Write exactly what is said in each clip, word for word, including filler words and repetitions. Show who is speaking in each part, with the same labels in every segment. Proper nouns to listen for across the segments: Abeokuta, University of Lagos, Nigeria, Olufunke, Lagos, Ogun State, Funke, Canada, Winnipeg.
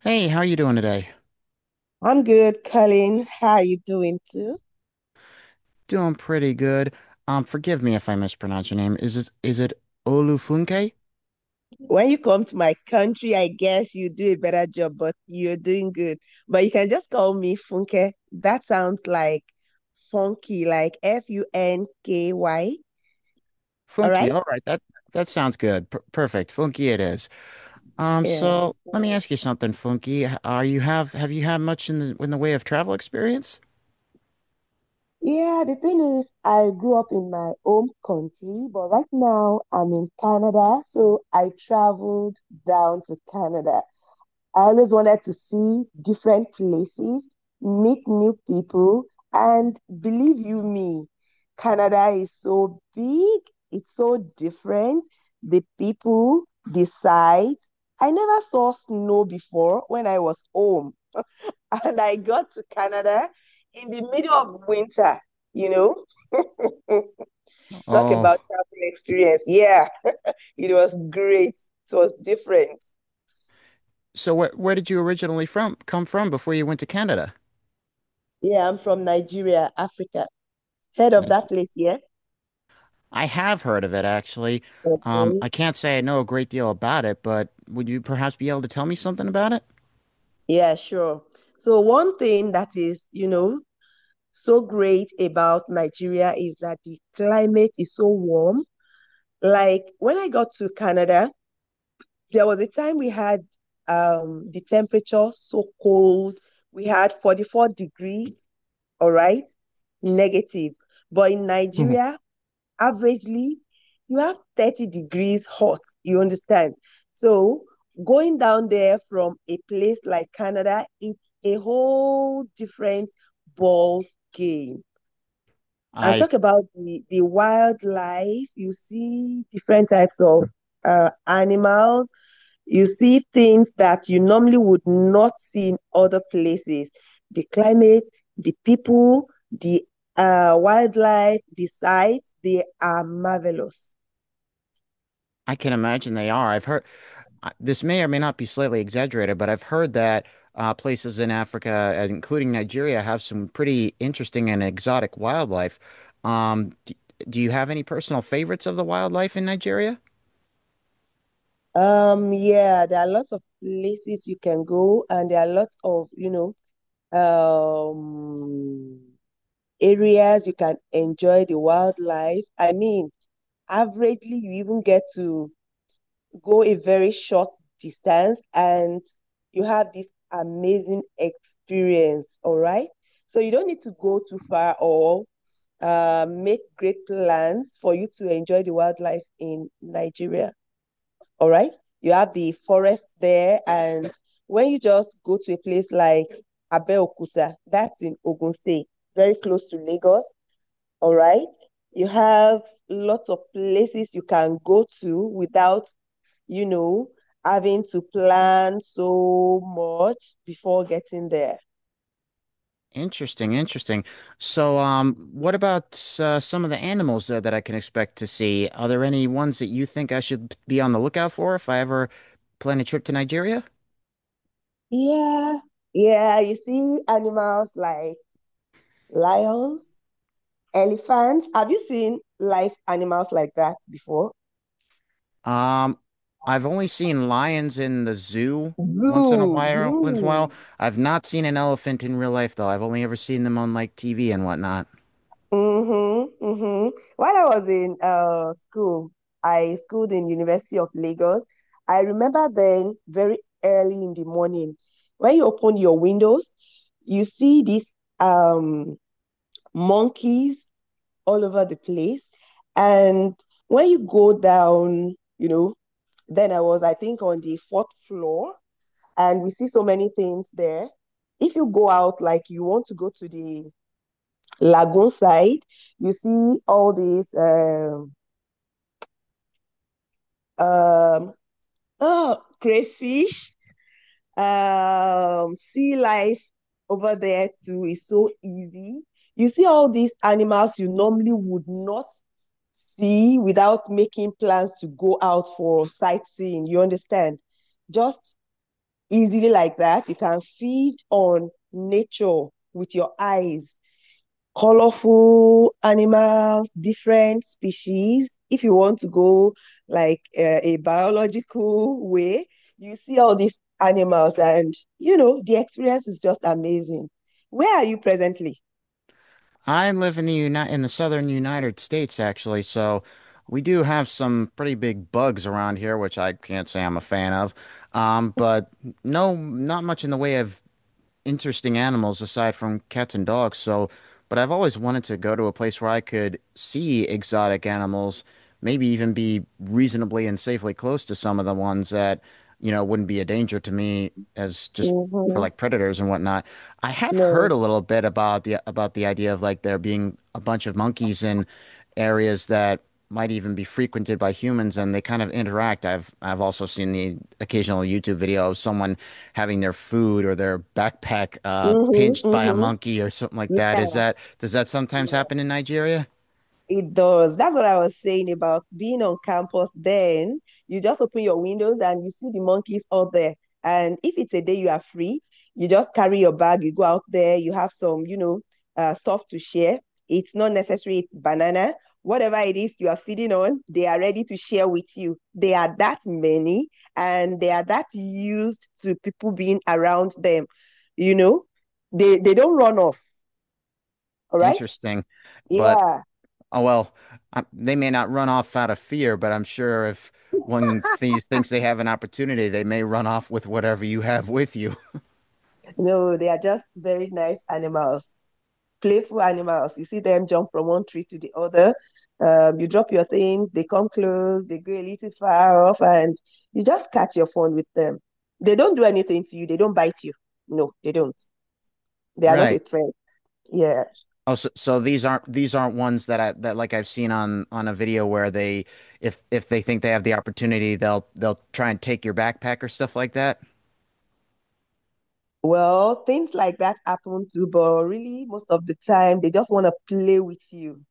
Speaker 1: Hey, how are you doing today?
Speaker 2: I'm good, Colin. How are you doing too?
Speaker 1: Doing pretty good. Um, forgive me if I mispronounce your name. Is it is it Olufunke?
Speaker 2: When you come to my country, I guess you do a better job, but you're doing good. But you can just call me Funke. That sounds like funky, like F U N K Y. All
Speaker 1: Funky.
Speaker 2: right?
Speaker 1: All right, that that sounds good. Per perfect. Funky it is. Um,
Speaker 2: Yeah.
Speaker 1: so let me ask you something, Funky. H- Are you have have you had much in the in the way of travel experience?
Speaker 2: Yeah, the thing is, I grew up in my home country, but right now I'm in Canada, so I traveled down to Canada. I always wanted to see different places, meet new people, and believe you me, Canada is so big, it's so different. The people, the sights. I never saw snow before when I was home, and I got to Canada in the middle of winter, you know. Talk about
Speaker 1: Oh,
Speaker 2: travel experience. Yeah, it was great. It was different.
Speaker 1: so where where did you originally from come from before you went to Canada?
Speaker 2: Yeah, I'm from Nigeria, Africa. Heard of that
Speaker 1: Nige-
Speaker 2: place, yeah?
Speaker 1: I have heard of it actually. Um, I
Speaker 2: Okay.
Speaker 1: can't say I know a great deal about it, but would you perhaps be able to tell me something about it?
Speaker 2: Yeah, sure. So one thing that is, you know, so great about Nigeria is that the climate is so warm. Like when I got to Canada, there was a time we had um the temperature so cold. We had forty-four degrees, all right, negative. But in Nigeria, averagely, you have thirty degrees hot, you understand? So going down there from a place like Canada, it's a whole different ball game. And
Speaker 1: I
Speaker 2: talk about the, the wildlife, you see different types of uh, animals, you see things that you normally would not see in other places. The climate, the people, the uh, wildlife, the sites, they are marvelous.
Speaker 1: I can imagine they are. I've heard I- this may or may not be slightly exaggerated, but I've heard that uh, places in Africa, uh, including Nigeria, have some pretty interesting and exotic wildlife. Um, d Do you have any personal favorites of the wildlife in Nigeria?
Speaker 2: Um, yeah, there are lots of places you can go, and there are lots of, you know, um, areas you can enjoy the wildlife. I mean, averagely, you even get to go a very short distance and you have this amazing experience. All right. So you don't need to go too far or uh, make great plans for you to enjoy the wildlife in Nigeria. All right. You have the forest there. And when you just go to a place like Abeokuta, that's in Ogun State, very close to Lagos, all right. You have lots of places you can go to without, you know, having to plan so much before getting there.
Speaker 1: Interesting, interesting. So, um, what about uh, some of the animals there that I can expect to see? Are there any ones that you think I should be on the lookout for if I ever plan a trip to Nigeria?
Speaker 2: Yeah. Yeah. You see animals like lions, elephants. Have you seen live animals like that before?
Speaker 1: Um, I've only seen lions in the zoo once in a
Speaker 2: Zoo.
Speaker 1: while, once in a while.
Speaker 2: Hmm.
Speaker 1: I've not seen an elephant in real life though. I've only ever seen them on like T V and whatnot.
Speaker 2: Mm-hmm, mm-hmm. When I was in uh school, I schooled in University of Lagos. I remember then very early in the morning, when you open your windows, you see these um monkeys all over the place. And when you go down, you know, then I was, I think, on the fourth floor, and we see so many things there. If you go out, like you want to go to the lagoon side, you see all these um, um, oh, crayfish, um, sea life over there too is so easy. You see all these animals you normally would not see without making plans to go out for sightseeing. You understand? Just easily like that, you can feed on nature with your eyes colorful animals, different species. If you want to go like uh, a biological way, you see all these animals, and you know, the experience is just amazing. Where are you presently?
Speaker 1: I live in the United in the southern United States actually, so we do have some pretty big bugs around here, which I can't say I'm a fan of. Um, but no, not much in the way of interesting animals aside from cats and dogs. So, but I've always wanted to go to a place where I could see exotic animals, maybe even be reasonably and safely close to some of the ones that, you know, wouldn't be a danger to me as just for
Speaker 2: Mm-hmm.
Speaker 1: like predators and whatnot. I have heard
Speaker 2: No.
Speaker 1: a little bit about the about the idea of like there being a bunch of monkeys in areas that might even be frequented by humans and they kind of interact. I've I've also seen the occasional YouTube video of someone having their food or their backpack uh,
Speaker 2: Mm-hmm.
Speaker 1: pinched by a
Speaker 2: Mm-hmm.
Speaker 1: monkey or something like that. Is that Does that sometimes
Speaker 2: Yeah.
Speaker 1: happen in Nigeria?
Speaker 2: It does. That's what I was saying about being on campus. Then you just open your windows and you see the monkeys out there. And if it's a day you are free, you just carry your bag, you go out there, you have some, you know, uh, stuff to share. It's not necessary, it's banana. Whatever it is you are feeding on, they are ready to share with you. They are that many and they are that used to people being around them. You know, they, they don't run off. All right.
Speaker 1: Interesting, but
Speaker 2: Yeah.
Speaker 1: oh well, um, they may not run off out of fear, but I'm sure if one these thinks they have an opportunity, they may run off with whatever you have with you.
Speaker 2: No, they are just very nice animals, playful animals. You see them jump from one tree to the other. Um, you drop your things, they come close, they go a little far off, and you just catch your phone with them. They don't do anything to you, they don't bite you. No, they don't. They are not
Speaker 1: Right.
Speaker 2: a threat. Yeah.
Speaker 1: Oh, so, so these aren't these aren't ones that I that like I've seen on on a video where they if if they think they have the opportunity, they'll they'll try and take your backpack or stuff like that.
Speaker 2: Well, things like that happen too, but really, most of the time, they just want to play with you,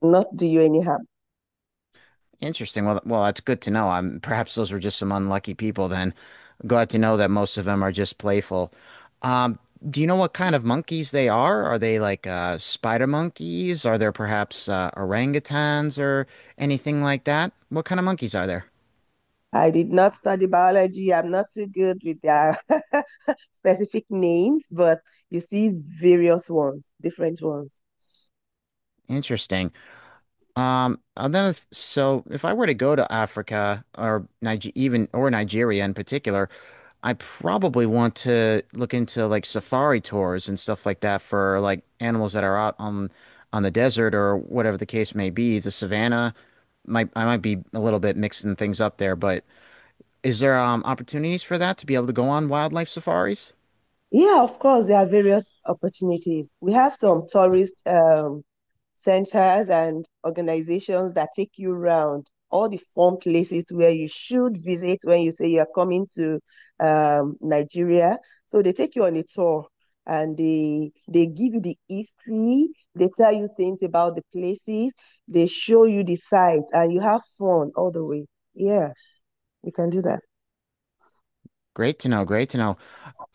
Speaker 2: not do you any harm.
Speaker 1: Interesting. Well, well, that's good to know. I'm perhaps those were just some unlucky people then. Glad to know that most of them are just playful. Um, do you know what kind of monkeys they are? Are they like uh, spider monkeys? Are there perhaps uh, orangutans or anything like that? What kind of monkeys are there?
Speaker 2: I did not study biology. I'm not too good with their specific names, but you see various ones, different ones.
Speaker 1: Interesting. Um, and then so if I were to go to Africa or Niger even or Nigeria in particular. I probably want to look into like safari tours and stuff like that for like animals that are out on on the desert or whatever the case may be. The savannah might I might be a little bit mixing things up there, but is there um opportunities for that to be able to go on wildlife safaris?
Speaker 2: Yeah, of course, there are various opportunities. We have some tourist um, centers and organizations that take you around all the fun places where you should visit when you say you're coming to um, Nigeria. So they take you on a tour and they they give you the history, they tell you things about the places, they show you the site, and you have fun all the way. Yeah, you can do that.
Speaker 1: Great to know, great to know.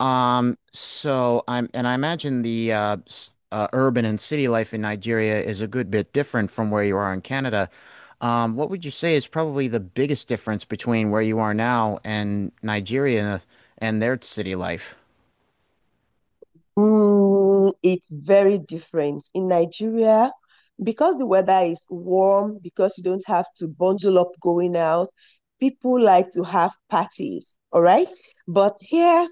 Speaker 1: Um, so I'm, and I imagine the uh, s- uh, urban and city life in Nigeria is a good bit different from where you are in Canada. Um, what would you say is probably the biggest difference between where you are now and Nigeria and their city life?
Speaker 2: Mm, it's very different. In Nigeria, because the weather is warm, because you don't have to bundle up going out, people like to have parties, all right? But here,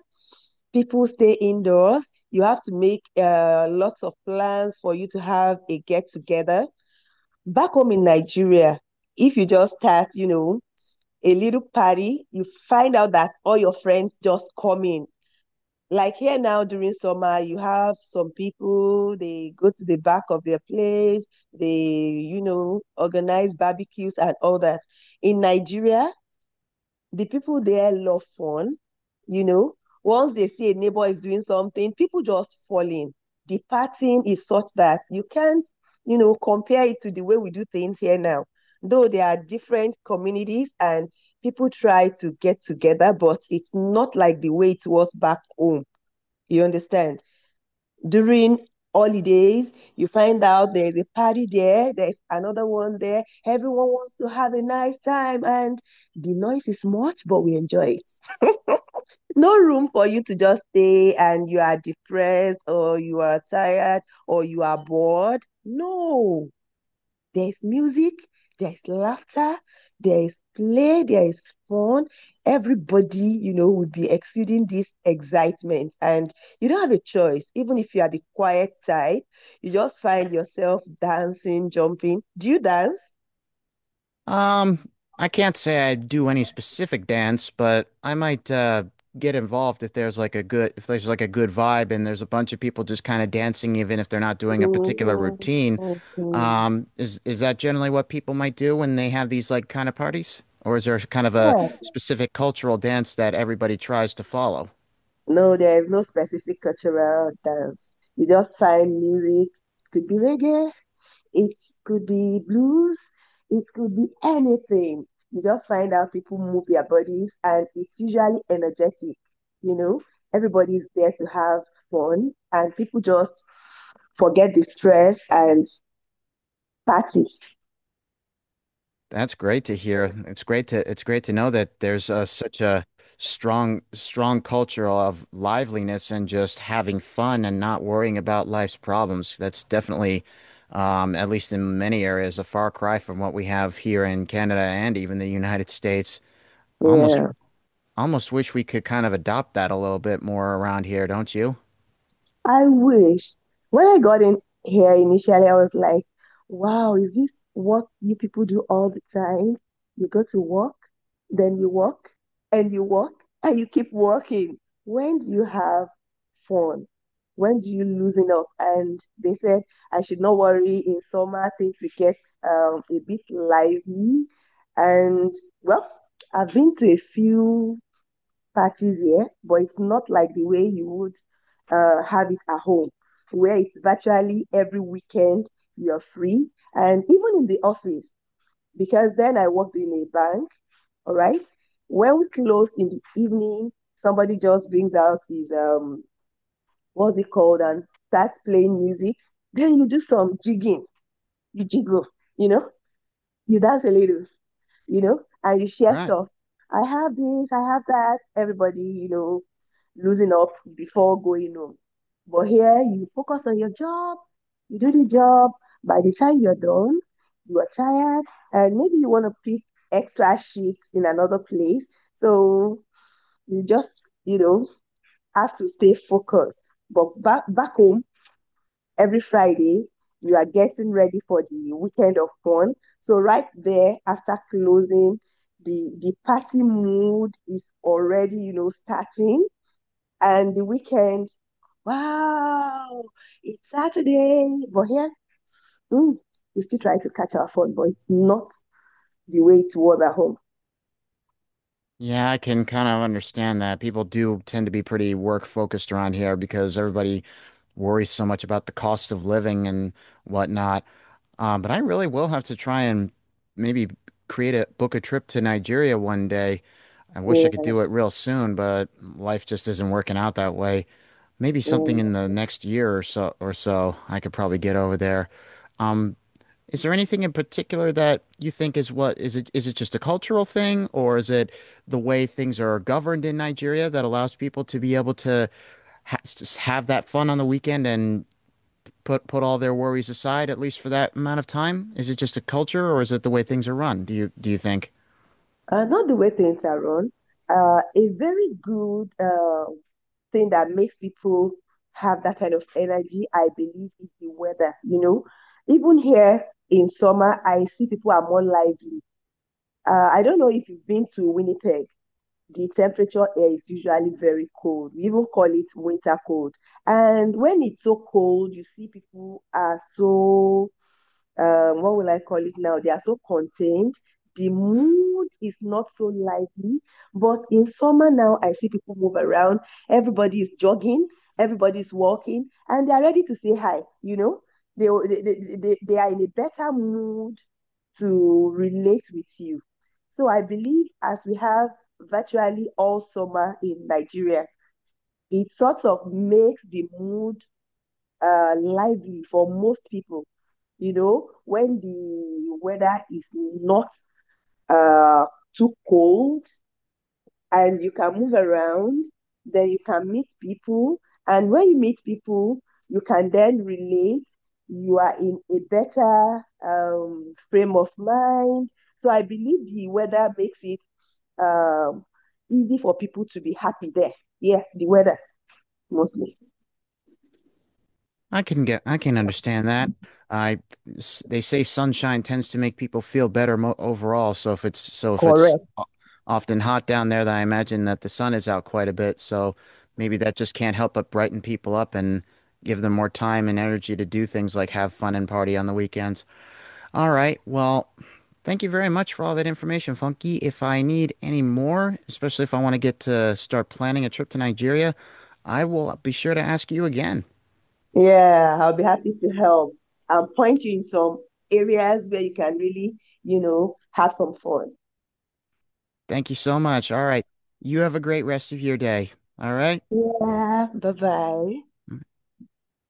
Speaker 2: people stay indoors. You have to make uh, lots of plans for you to have a get together. Back home in Nigeria, if you just start, you know, a little party, you find out that all your friends just come in like here now during summer you have some people they go to the back of their place they you know organize barbecues and all that in nigeria the people there love fun you know once they see a neighbor is doing something people just fall in the pattern is such that you can't you know compare it to the way we do things here now though there are different communities and people try to get together but it's not like the way it was back home you understand? During holidays, you find out there's a party there, there's another one there. Everyone wants to have a nice time, and the noise is much, but we enjoy it. No room for you to just stay and you are depressed or you are tired or you are bored. No, there's music, there's laughter, there's play, there's fun. Everybody, you know, would be exuding this excitement. And you don't have a choice. Even if you are the quiet type, you just find yourself dancing, jumping. Do you dance?
Speaker 1: Um, I can't say I do any specific dance, but I might uh get involved if there's like a good if there's like a good vibe and there's a bunch of people just kind of dancing even if they're not doing a particular
Speaker 2: Mm-hmm.
Speaker 1: routine.
Speaker 2: Mm-hmm.
Speaker 1: Um, is is that generally what people might do when they have these like kind of parties? Or is there kind of a
Speaker 2: Yeah.
Speaker 1: specific cultural dance that everybody tries to follow?
Speaker 2: No, there is no specific cultural dance. You just find music. Could be reggae, it could be blues, it could be anything. You just find out people move their bodies and it's usually energetic, you know. Everybody's there to have fun and people just forget the stress and party.
Speaker 1: That's great to hear. It's great to it's great to know that there's uh, such a strong strong culture of liveliness and just having fun and not worrying about life's problems. That's definitely, um, at least in many areas, a far cry from what we have here in Canada and even the United States. Almost
Speaker 2: Yeah.
Speaker 1: Almost wish we could kind of adopt that a little bit more around here, don't you?
Speaker 2: I wish. When I got in here initially, I was like, wow, is this what you people do all the time? You go to work, then you work, and you work, and you keep working. When do you have fun? When do you loosen up? And they said, I should not worry. In summer, things will get um, a bit lively. And well, I've been to a few parties here, but it's not like the way you would uh, have it at home, where it's virtually every weekend you're free. And even in the office, because then I worked in a bank, all right? When we close in the evening, somebody just brings out his, um, what's it called, and starts playing music. Then you do some jigging, you jiggle, you know, you dance a little you know, and you share
Speaker 1: Right.
Speaker 2: stuff. I have this, I have that. Everybody, you know, losing up before going home. But here, you focus on your job, you do the job. By the time you're done, you are tired, and maybe you want to pick extra shifts in another place. So you just, you know, have to stay focused. But back back home, every Friday, you are getting ready for the weekend of fun. So right there after closing, the the party mood is already, you know, starting. And the weekend, wow, it's Saturday. But here, mm, we still try to catch our phone, but it's not the way it was at home.
Speaker 1: Yeah, I can kind of understand that. People do tend to be pretty work focused around here because everybody worries so much about the cost of living and whatnot. Um, but I really will have to try and maybe create a book a trip to Nigeria one day. I wish I could
Speaker 2: Yeah,
Speaker 1: do it real soon, but life just isn't working out that way. Maybe something
Speaker 2: yeah.
Speaker 1: in the next year or so or so I could probably get over there. Um, Is there anything in particular that you think is what is it is it just a cultural thing or is it the way things are governed in Nigeria that allows people to be able to ha just have that fun on the weekend and put put all their worries aside at least for that amount of time? Is it just a culture or is it the way things are run? Do you do you think?
Speaker 2: Uh, not the way things are run. Uh, a very good uh, thing that makes people have that kind of energy, I believe, is the weather. You know, even here in summer, I see people are more lively. Uh, I don't know if you've been to Winnipeg. The temperature air is usually very cold. We even call it winter cold. And when it's so cold, you see people are so um, what will I call it now? They are so contained. The mood is not so lively. But in summer now, I see people move around. Everybody is jogging. Everybody is walking, and they are ready to say hi. You know, they they, they, they are in a better mood to relate with you. So I believe as we have virtually all summer in Nigeria, it sort of makes the mood uh, lively for most people, you know, when the weather is not uh, too cold and you can move around, then you can meet people. And when you meet people, you can then relate. You are in a better um, frame of mind. So I believe the weather makes it um, easy for people to be happy there. Yeah, the weather mostly.
Speaker 1: I can get, I can understand that. I, s- they say sunshine tends to make people feel better mo overall. So if it's, so if it's
Speaker 2: Correct.
Speaker 1: o- often hot down there, then I imagine that the sun is out quite a bit. So maybe that just can't help but brighten people up and give them more time and energy to do things like have fun and party on the weekends. All right. Well, thank you very much for all that information, Funky. If I need any more, especially if I want to get to start planning a trip to Nigeria, I will be sure to ask you again.
Speaker 2: Yeah, I'll be happy to help and point you in some areas where you can really, you know, have some fun.
Speaker 1: Thank you so much. All right. You have a great rest of your day. All right.
Speaker 2: Yeah, bye bye.